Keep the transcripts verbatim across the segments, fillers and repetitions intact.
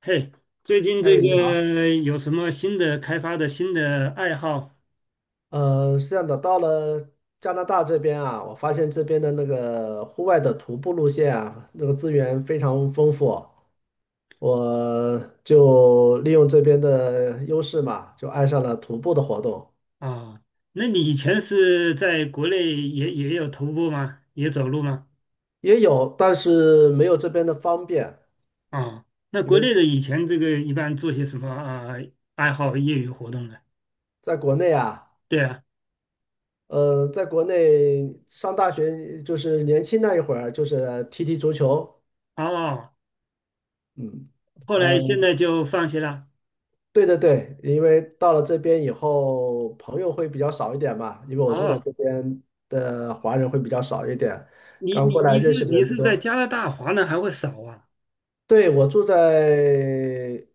嘿，最近哎，这你好，个有什么新的开发的新的爱好呃，是这样的，到了加拿大这边啊，我发现这边的那个户外的徒步路线啊，那个资源非常丰富，我就利用这边的优势嘛，就爱上了徒步的活动，啊？那你以前是在国内也也有徒步吗？也走路吗？也有，但是没有这边的方便，啊，那因国为内的以前这个一般做些什么啊爱好业余活动呢？在国内啊，对啊，呃，在国内上大学就是年轻那一会儿，就是踢踢足球，哦，嗯。后呃来现在就放弃了。对对对，因为到了这边以后，朋友会比较少一点嘛，因为我住在哦，这边的华人会比较少一点，你刚你过来你认是识的你人不是在多。加拿大华人还会少啊？对，我住在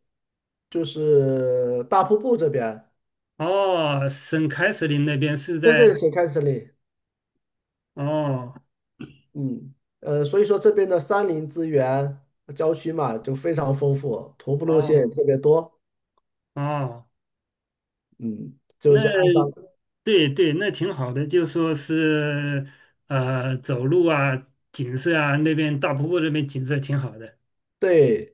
就是大瀑布这边，哦，省凯瑟琳那边是对在对，水开始，里，哦嗯，呃，所以说这边的山林资源、郊区嘛，就非常丰富，徒步路线也哦特别多，哦，嗯，就那。是按上。对对，那挺好的，就说是呃，走路啊，景色啊，那边大瀑布那边景色挺好的对，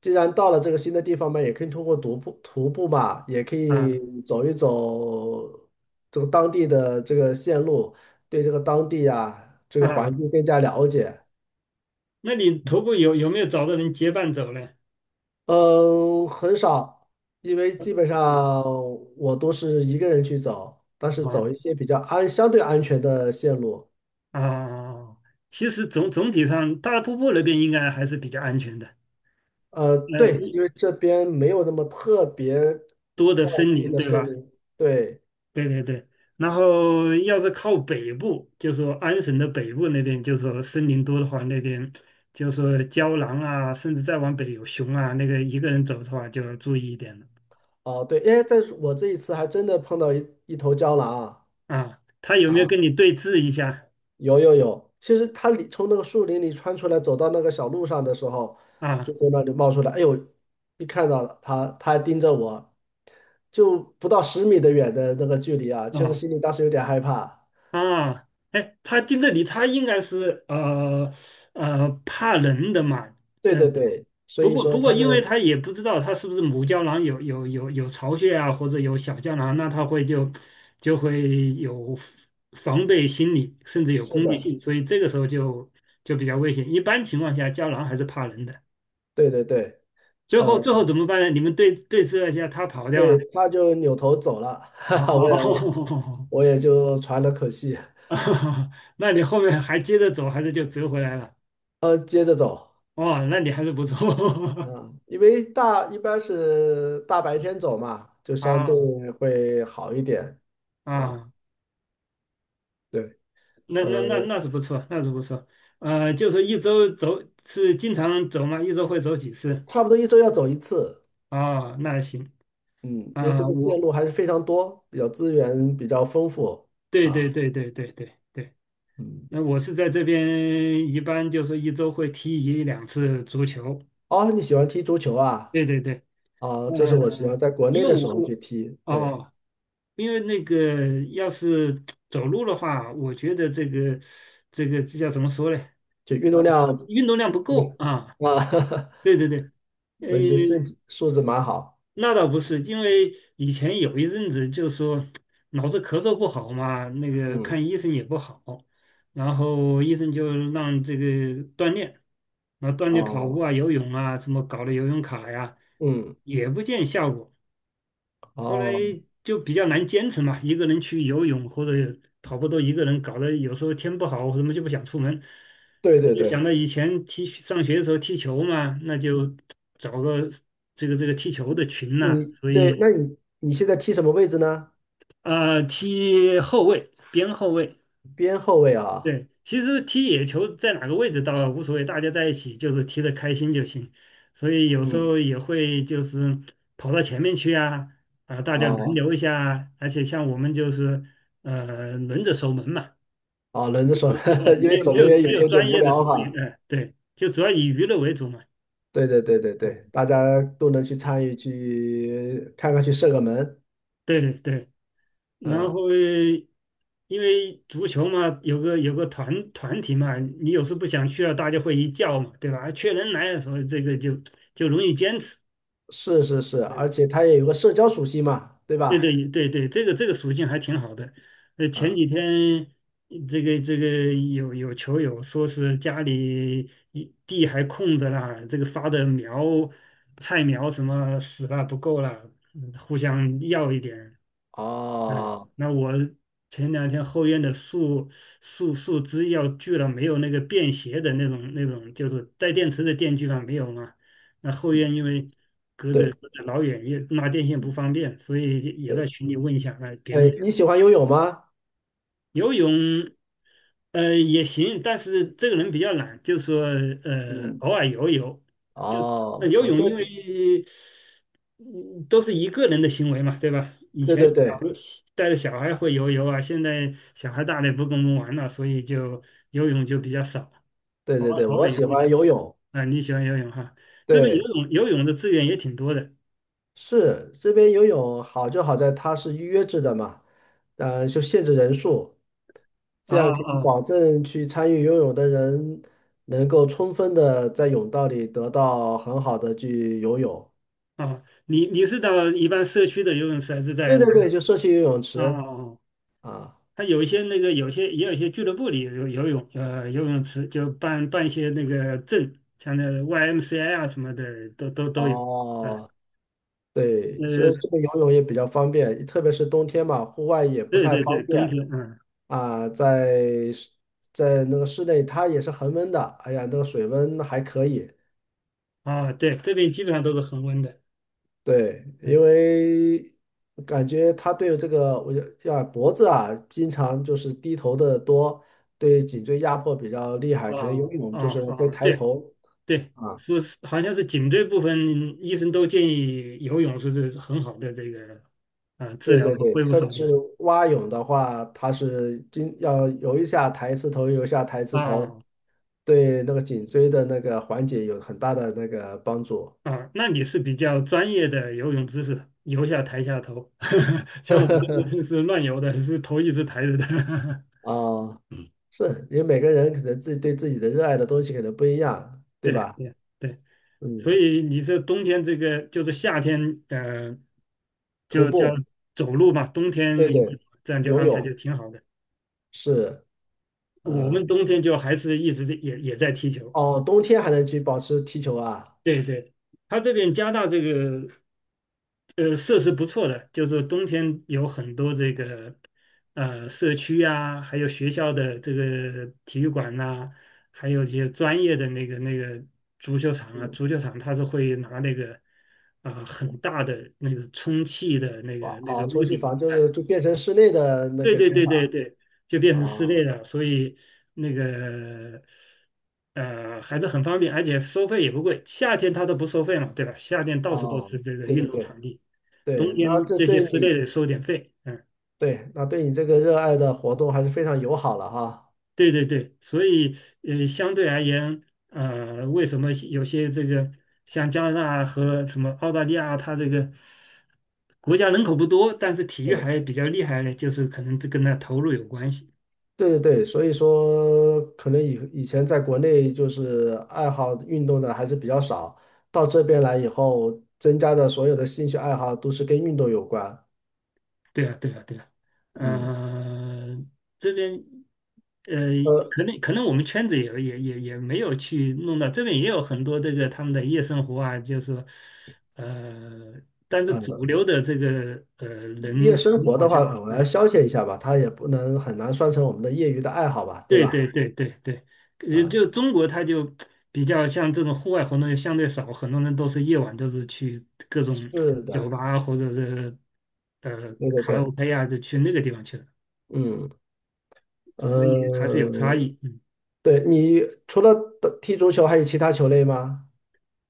既然到了这个新的地方嘛，也可以通过徒步徒步嘛，也可啊以走一走这个当地的这个线路，对这个当地啊这个环啊。境更加了解。那你徒步有有没有找到人结伴走呢？嗯，很少，因为基本上啊我都是一个人去走，但是啊走一些比较安相对安全的线路。啊！其实总总体上，大瀑布那边应该还是比较安全的，呃，呃，对，一因为这边没有那么特别多的茂森密林，的对森吧？林，对。对对对，然后要是靠北部，就说安省的北部那边，就说森林多的话，那边就说郊狼啊，甚至再往北有熊啊，那个一个人走的话就要注意一点了哦，对，哎，但是我这一次还真的碰到一一头郊狼啊啊。他有没有啊，跟你对峙一下有有有，其实它里从那个树林里穿出来，走到那个小路上的时候，啊？就从那里冒出来，哎呦，一看到了它，它还盯着我，就不到十米的远的那个距离啊，确实啊心里当时有点害怕。啊！哎，他盯着你，他应该是呃呃怕人的嘛，对嗯。对对，所不以过，说不过，它因为就他也不知道他是不是母胶囊有有有有巢穴啊，或者有小胶囊，那他会就就会有防备心理，甚至有是攻击的，性，所以这个时候就就比较危险。一般情况下，胶囊还是怕人的。对对对，最后，呃，最后怎么办呢？你们对对峙了一下，他跑掉对，了。它就扭头走了，哈哈，我也哦，我也就喘了口气，那你后面还接着走，还是就折回来了？呃，接着走。哦，那你还是不错。嗯，因为大一般是大白天走嘛，就 相啊对会好一点啊。啊。对，那那呃，那那是不错，那是不错。呃，就是一周走是经常走吗？一周会走几次？差不多一周要走一次，哦，那行嗯，因为这啊，个线路我还是非常多，比较资源比较丰富对对啊。对对对对对，嗯，那我是在这边一般就是一周会踢一两次足球。哦，你喜欢踢足球啊？对对对，啊，这是我喜欢嗯、在国因内为的时我候我去踢，对，哦，因为那个要是走路的话，我觉得这个这个这叫怎么说嘞？就运啊，动量运动量不够啊。啊，对 对对。呃，那你的身体素质蛮好。那倒不是，因为以前有一阵子就说脑子咳嗽不好嘛，那个嗯，看医生也不好，然后医生就让这个锻炼，那锻炼跑步哦，啊、游泳啊，什么搞了游泳卡呀，嗯，也不见效果。后来哦，就比较难坚持嘛，一个人去游泳或者跑步都一个人，搞得有时候天不好，我什么就不想出门。对嗯，对就对。想到以前踢上学的时候踢球嘛，那就找个这个这个踢球的群呐、你所对，那以你你现在踢什么位置呢？呃踢后卫，边后卫，边后卫啊，对，其实踢野球在哪个位置倒无所谓，大家在一起就是踢得开心就行。所以有时嗯，候也会就是跑到前面去啊，啊，大家轮哦流一下啊而且像我们就是呃轮着守门嘛，哦，轮着守门，呃 因没为有守没门有员有没时有候有专点无业的聊守门哈。员，呃对，就主要以娱乐为主嘛。对对对对嗯，对，大家都能去参与，去看看，去射个门，对对，然嗯，后因为足球嘛，有个有个团团体嘛，你有时不想去了，大家会一叫嘛，对吧？啊缺人来的时候，这个就就容易坚持。是是是，而嗯，且他也有个社交属性嘛，对对吧？对对对，这个这个属性还挺好的。呃，前啊、几天这个这个有有球友说是家里一地还空着啦，这个发的苗菜苗什么死了不够了，嗯互相要一点。哎，哦，那我前两天后院的树树树枝要锯了，没有那个便携的那种那种，就是带电池的电锯嘛，没有嘛。那后嗯，院因为隔对，着隔着老远，也拉电线不嗯方便，所以也在对，群里问一下，哎，别哎，人你喜欢游泳吗？游泳，呃，也行，但是这个人比较懒，就说呃，嗯，偶尔游游，就那哦，游我泳，这，因为对嗯都是一个人的行为嘛，对吧？以对前对带着小孩会游泳啊，现在小孩大了也不跟我们玩了，所以就游泳就比较少，对偶对尔对，偶我尔喜游一欢下。游泳，啊，你喜欢游泳哈？这边游对。泳游泳的资源也挺多的。是这边游泳好就好在它是预约制的嘛，呃，就限制人数，啊这样可啊以保证去参与游泳的人能够充分的在泳道里得到很好的去游泳。啊！你你是到一般社区的游泳池还是在对对哪里？对，就社区游泳啊啊池啊！啊，它有一些那个，有些也有一些俱乐部里有游泳，呃，游泳池就办办一些那个证，像那个 Y M C A 啊什么的，都都都有。啊，哦，对，所以这呃，个游泳也比较方便，特别是冬天嘛，户外也不对太对对，方冬便天，嗯，啊，在室在那个室内它也是恒温的，哎呀，那个水温还可以。啊，对，这边基本上都是恒温的。对，嗯。因为感觉他对这个，我就要脖子啊，经常就是低头的多，对颈椎压迫比较厉害。可能啊游泳啊就是会啊！抬对头对，啊，说是好像是颈椎部分，医生都建议游泳是很好的这个啊治对疗对和对，恢复特别手是段蛙泳的话，它是经要游一下抬一次头，游一下抬一次头，啊对那个颈椎的那个缓解有很大的那个帮助啊。那你是比较专业的游泳知识，游下抬下头，像我们这个是是乱游的，是头一直抬着的。啊。是，因为每个人可能自己对自己的热爱的东西可能不一样，对对吧？对对，所嗯，以你这冬天这个就是夏天，嗯，徒就叫步。走路嘛，冬天游对泳对，这样就游安排就泳挺好的。是，我呃，们冬天就还是一直在也也在踢球。哦，冬天还能去保持踢球啊，对对，他这边加大这个呃设施不错的，就是冬天有很多这个呃社区啊，还有学校的这个体育馆呐、还有一些专业的那个那个足球场啊，嗯，足球场它是会拿那个啊、呃很大的那个充气的那哇，个那个哦，充屋气顶，房就是哎、就变成室内的那对个对球对对场对，就变成室内啊，了，所以那个呃还是很方便，而且收费也不贵。夏天它都不收费嘛，对吧？夏天到处都啊，是这个对运对动对场地，冬对，那天这这些对你室内的收点费。嗯，对，那对你这个热爱的活动还是非常友好了哈，对对对，所以呃相对而言，呃为什么有些这个像加拿大和什么澳大利亚，它这个国家人口不多，但是体育嗯，还比较厉害呢？就是可能这跟它投入有关系。对对对，所以说可能以以前在国内就是爱好运动的还是比较少，到这边来以后，增加的所有的兴趣爱好都是跟运动有关，对啊，对啊，对啊，嗯。呃，这边，呃，呃，可能可能我们圈子也也也也没有去弄到这边，也有很多这个他们的夜生活啊，就是说呃，但是主呃，流的这个呃夜人生活好的话，像，我尔啊，消遣一下吧，它也不能很难算成我们的业余的爱好吧，对对对吧？对对对，就啊，就中国他就比较像这种户外活动就相对少，很多人都是夜晚都是去各种是酒的，吧或者是呃对对卡拉 对，OK 啊，就去那个地方去了。嗯，所以还是有差呃，异。嗯对，你除了打踢足球，还有其他球类吗？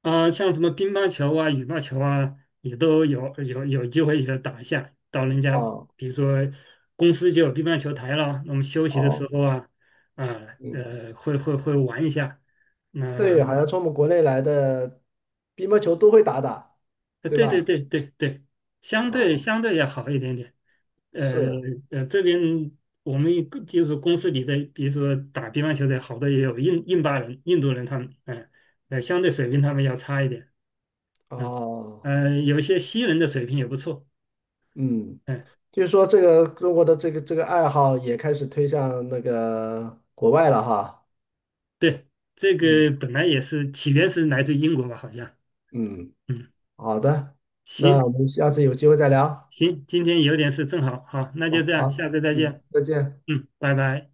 啊、像什么乒乓球啊、羽毛球啊，也都有有有机会也打一下。到人家哦比如说公司就有乒乓球台了，那我们休息的时哦，候啊，啊嗯，呃会会会玩一下。那、对，好像从我们国内来的乒乓球都会打打，呃，对对对吧？对对对，相对哦，相对要好一点点。呃是，呃，这边我们一个就是公司里的，比如说打乒乓球的，好多也有印印巴人、印度人他们，嗯、呃，相对水平他们要差一点。嗯，哦，呃，有些西人的水平也不错。嗯，嗯，就是说这个中国的这个这个爱好也开始推向那个国外了哈，对，这个嗯本来也是起源是来自英国吧，好像。嗯。嗯，好的，行那我们下次有机会再聊。行，今天有点事，正好，好，那就好，这样，好，下次再见。嗯，再见。嗯，拜拜。